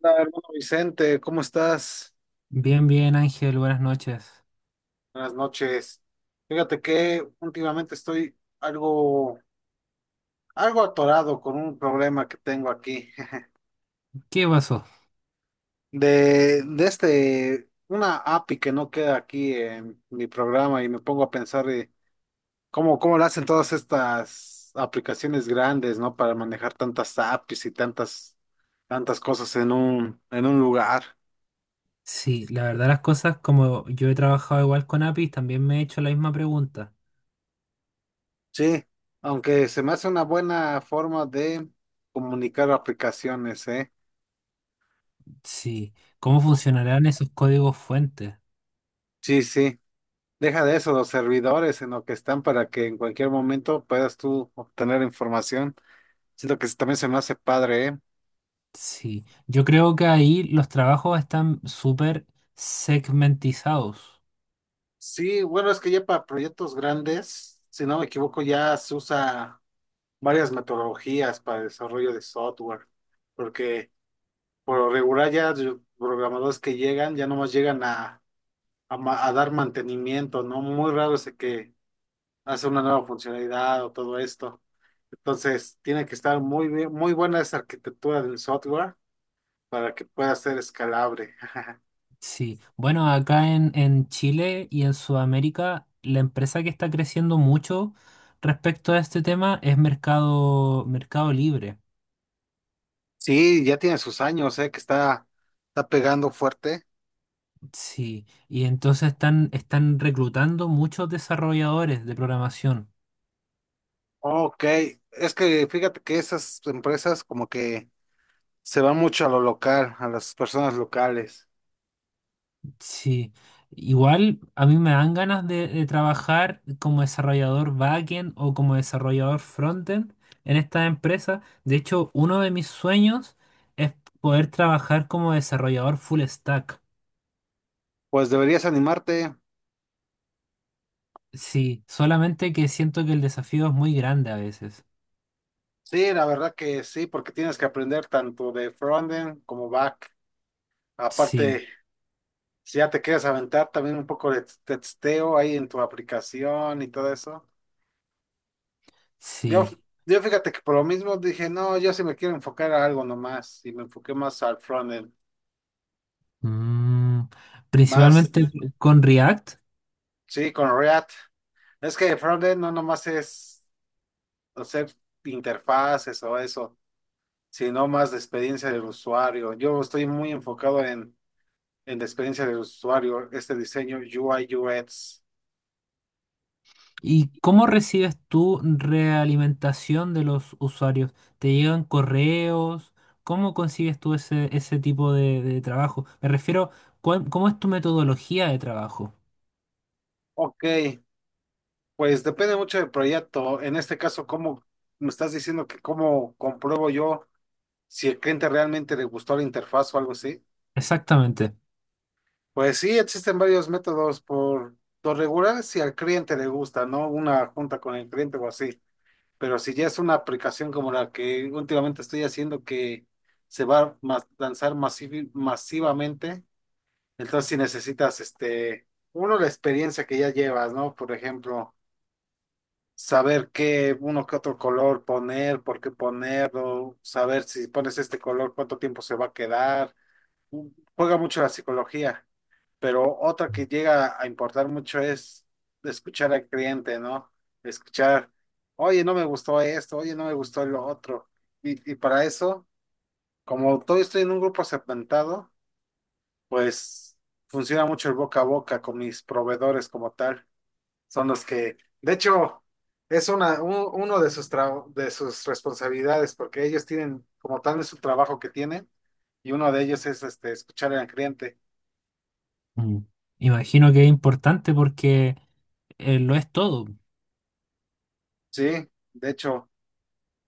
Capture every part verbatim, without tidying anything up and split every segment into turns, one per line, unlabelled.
Hola, hermano Vicente, ¿cómo estás?
Bien, bien, Ángel, buenas noches.
Buenas noches. Fíjate que últimamente estoy algo, algo atorado con un problema que tengo aquí.
¿Qué pasó?
De, de este, una A P I que no queda aquí en mi programa y me pongo a pensar de cómo, cómo lo hacen todas estas aplicaciones grandes, ¿no? Para manejar tantas A P I s y tantas, tantas cosas en un, en un lugar.
Sí, la verdad las cosas, como yo he trabajado igual con A P I s, también me he hecho la misma pregunta.
Sí, aunque se me hace una buena forma de comunicar aplicaciones, ¿eh?
Sí, ¿cómo funcionarán esos códigos fuentes?
Sí, sí. Deja de eso, los servidores en lo que están para que en cualquier momento puedas tú obtener información. Siento que también se me hace padre, ¿eh?
Sí, yo creo que ahí los trabajos están súper segmentizados.
Sí, bueno, es que ya para proyectos grandes, si no me equivoco, ya se usa varias metodologías para el desarrollo de software, porque por lo regular ya los programadores que llegan ya nomás llegan a, a ma- a dar mantenimiento, ¿no? Muy raro es el que hacer una nueva funcionalidad o todo esto. Entonces, tiene que estar muy bien, muy buena esa arquitectura del software para que pueda ser escalable.
Sí, bueno, acá en, en Chile y en Sudamérica, la empresa que está creciendo mucho respecto a este tema es Mercado, Mercado Libre.
Sí, ya tiene sus años, eh, que está, está pegando fuerte.
Sí, y entonces están, están reclutando muchos desarrolladores de programación.
Ok, es que fíjate que esas empresas como que se van mucho a lo local, a las personas locales.
Sí, igual a mí me dan ganas de, de trabajar como desarrollador backend o como desarrollador frontend en esta empresa. De hecho, uno de mis sueños es poder trabajar como desarrollador full stack.
Pues deberías animarte.
Sí, solamente que siento que el desafío es muy grande a veces.
Sí, la verdad que sí, porque tienes que aprender tanto de frontend como back.
Sí,
Aparte, si ya te quieres aventar también un poco de testeo ahí en tu aplicación y todo eso. Yo,
sí.
yo fíjate que por lo mismo dije, no, yo sí me quiero enfocar a algo nomás y me enfoqué más al frontend,
Mm,
más,
principalmente con React.
sí, con React. Es que el frontend no nomás es hacer interfaces o eso, sino más de experiencia del usuario. Yo estoy muy enfocado en, en la experiencia del usuario, este diseño U I U X.
¿Y cómo recibes tú realimentación de los usuarios? ¿Te llegan correos? ¿Cómo consigues tú ese, ese tipo de, de trabajo? Me refiero, ¿cuál- ¿cómo es tu metodología de trabajo?
Ok, pues depende mucho del proyecto. En este caso, ¿cómo me estás diciendo que cómo compruebo yo si el cliente realmente le gustó la interfaz o algo así?
Exactamente.
Pues sí, existen varios métodos por lo regular si al cliente le gusta, ¿no? Una junta con el cliente o así. Pero si ya es una aplicación como la que últimamente estoy haciendo que se va a mas- lanzar masivi- masivamente, entonces si necesitas, este, uno, la experiencia que ya llevas, ¿no? Por ejemplo, saber qué uno que otro color poner, por qué ponerlo, saber si pones este color, cuánto tiempo se va a quedar. Juega mucho la psicología, pero otra que llega a importar mucho es escuchar al cliente, ¿no? Escuchar, oye, no me gustó esto, oye, no me gustó lo otro. Y, y para eso, como todo estoy en un grupo segmentado, pues funciona mucho el boca a boca con mis proveedores como tal son los que, de hecho, es una, u- uno de sus, tra- de sus responsabilidades, porque ellos tienen, como tal, es su trabajo que tienen, y uno de ellos es este, escuchar al cliente.
Mm. Imagino que es importante porque eh, lo es todo.
Sí, de hecho,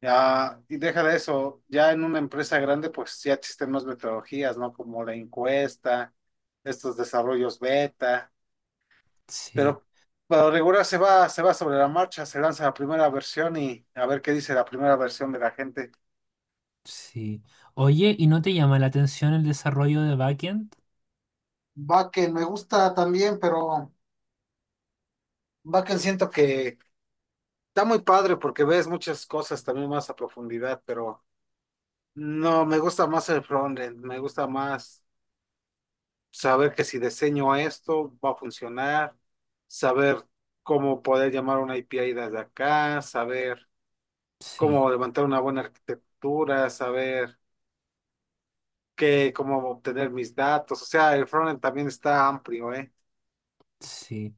ya, y deja de eso, ya en una empresa grande, pues ya existen más metodologías, ¿no? Como la encuesta, estos desarrollos beta,
Sí,
pero para regular se va, se va sobre la marcha, se lanza la primera versión y a ver qué dice la primera versión de la gente.
sí. Oye, ¿y no te llama la atención el desarrollo de backend?
Va que me gusta también, pero Bakken siento que está muy padre porque ves muchas cosas también más a profundidad, pero no, me gusta más el frontend, me gusta más saber que si diseño esto va a funcionar, saber cómo poder llamar una A P I desde acá, saber
Sí,
cómo levantar una buena arquitectura, saber qué, cómo obtener mis datos, o sea, el frontend también está amplio, ¿eh?
sí.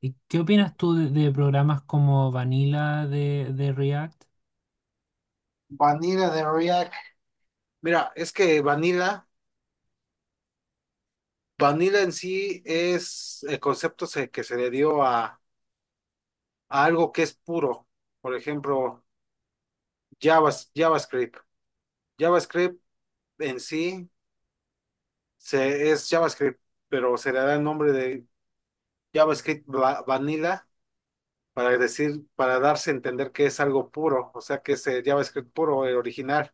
¿Y qué opinas tú de, de programas como Vanilla de, de React?
Vanilla de React. Mira, es que Vanilla Vanilla en sí es el concepto se- que se le dio a, a, algo que es puro. Por ejemplo, Javas- JavaScript. JavaScript en sí se, es JavaScript, pero se le da el nombre de JavaScript va- Vanilla para decir, para darse a entender que es algo puro, o sea que es el JavaScript puro, el original.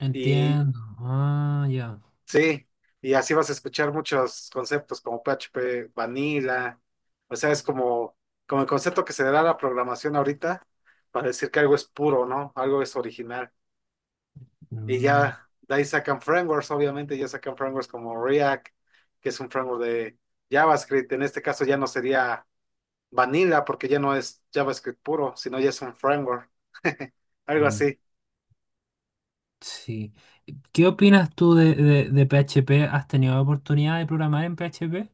Entiendo. Ah, ya.
Sí, y así vas a escuchar muchos conceptos como P H P, Vanilla, o sea, es como, como el concepto que se le da a la programación ahorita para decir que algo es puro, ¿no? Algo es original. Y
Mm,
ya de ahí sacan frameworks, obviamente, ya sacan frameworks como React, que es un framework de JavaScript. En este caso ya no sería Vanilla porque ya no es JavaScript puro, sino ya es un framework, algo
mm,
así.
sí. ¿Qué opinas tú de, de- de P H P? ¿Has tenido oportunidad de programar en P H P?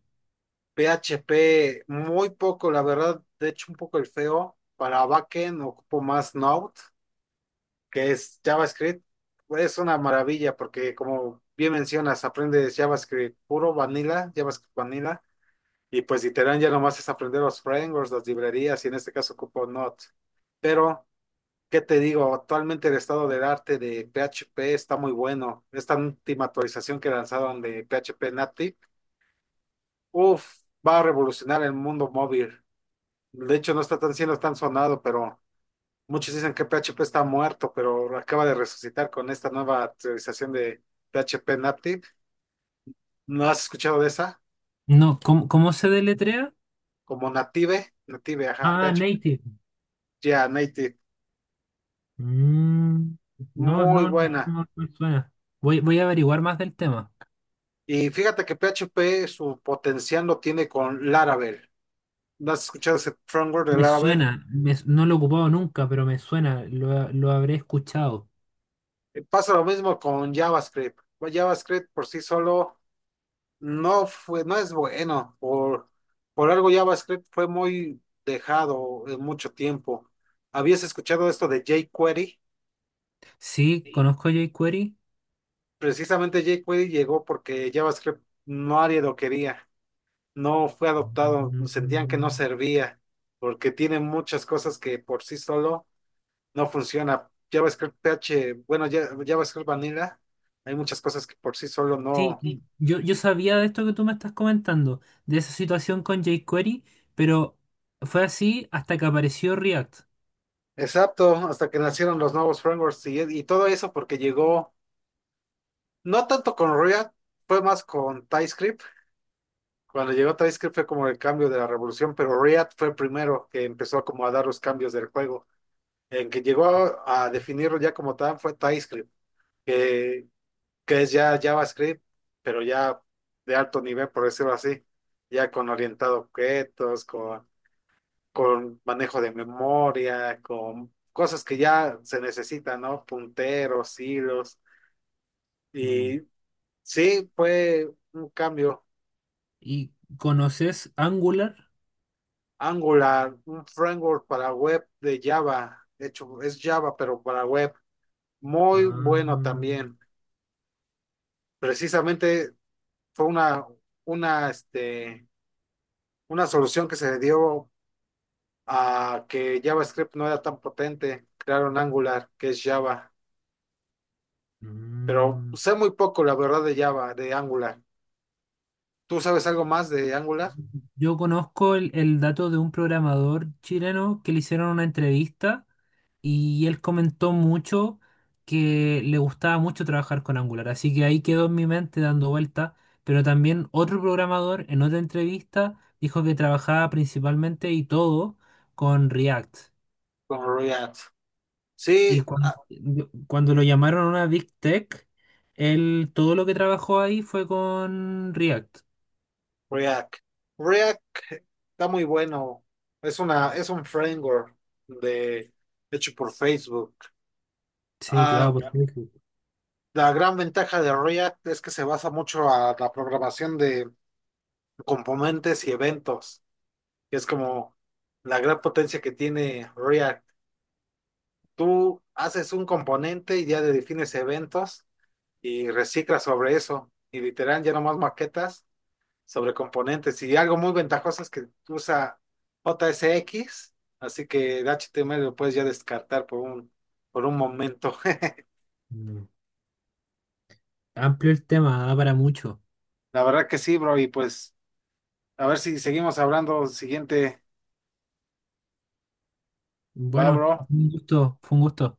P H P muy poco, la verdad, de hecho un poco el feo. Para backend ocupo más Node, que es JavaScript. Es una maravilla porque como bien mencionas, aprendes JavaScript puro, vanilla, JavaScript vanilla. Y pues literal ya nomás es aprender los frameworks, las librerías, y en este caso ocupo Node. Pero, ¿qué te digo? Actualmente el estado del arte de P H P está muy bueno. Esta última actualización que lanzaron de P H P Native, uff, va a revolucionar el mundo móvil. De hecho, no está tan cielo, tan sonado, pero muchos dicen que P H P está muerto, pero acaba de resucitar con esta nueva actualización de P H P Native. ¿No has escuchado de esa?
No, ¿cómo, cómo se deletrea?
Como Native, Native, ajá,
Ah,
P H P,
native.
ya, Native.
Mm, no, no,
Muy
no, no
buena.
no me suena. Voy, voy a averiguar más del tema.
Y fíjate que P H P su potencial lo tiene con Laravel. ¿No has escuchado ese framework de
Me
Laravel?
suena, me- no lo he ocupado nunca, pero me suena, lo, lo habré escuchado.
Eh, Pasa lo mismo con JavaScript. Pues JavaScript por sí solo no fue, no es bueno. Por, por algo JavaScript fue muy dejado en mucho tiempo. ¿Habías escuchado esto de jQuery?
Sí,
Sí.
conozco jQuery.
Precisamente jQuery llegó porque JavaScript no nadie lo quería. No fue adoptado, sentían que no
Mm.
servía, porque tiene muchas cosas que por sí solo no funciona. JavaScript P H, bueno, ya- JavaScript Vanilla, hay muchas cosas que por sí solo
Sí,
no. Sí.
yo, yo sabía de esto que tú me estás comentando, de esa situación con jQuery, pero fue así hasta que apareció React.
Exacto, hasta que nacieron los nuevos frameworks y y todo eso porque llegó. No tanto con React, fue más con TypeScript. Cuando llegó TypeScript fue como el cambio de la revolución, pero React fue el primero que empezó como a dar los cambios del juego. En que llegó a, definirlo ya como tal fue TypeScript, que, que es ya JavaScript, pero ya de alto nivel, por decirlo así, ya con orientado a objetos, con, con manejo de memoria, con cosas que ya se necesitan, ¿no? Punteros, hilos.
Mm.
Y sí, fue un cambio.
¿Y conoces Angular?
Angular, un framework para web de Java. De hecho, es Java, pero para web. Muy bueno
Ah,
también. Precisamente fue una, una, este, una solución que se dio a que JavaScript no era tan potente. Crearon Angular, que es Java. Pero
mm.
sé muy poco, la verdad, de Java, de Angular. ¿Tú sabes algo más de Angular?
Yo conozco el, el dato de un programador chileno que le hicieron una entrevista y él comentó mucho que le gustaba mucho trabajar con Angular, así que ahí quedó en mi mente dando vuelta, pero también otro programador en otra entrevista dijo que trabajaba principalmente y todo con React.
Con React.
Y
Sí,
cuan- yo- cuando, lo llamaron a una Big Tech, él todo lo que trabajó ahí fue con React.
React. React está muy bueno. Es una, es un framework de, hecho por Facebook.
Sí, claro,
Ah, ya.
porque
La gran ventaja de React es que se basa mucho a la programación de componentes y eventos, que es como la gran potencia que tiene React. Tú haces un componente y ya le defines eventos y reciclas sobre eso. Y literal, ya nomás maquetas sobre componentes y algo muy ventajoso es que usa J S X así que el H T M L lo puedes ya descartar por un, por un momento.
mm, amplio el tema, da para mucho.
La verdad que sí, bro, y pues a ver si seguimos hablando siguiente, va,
Bueno,
bro.
un gusto, fue un gusto.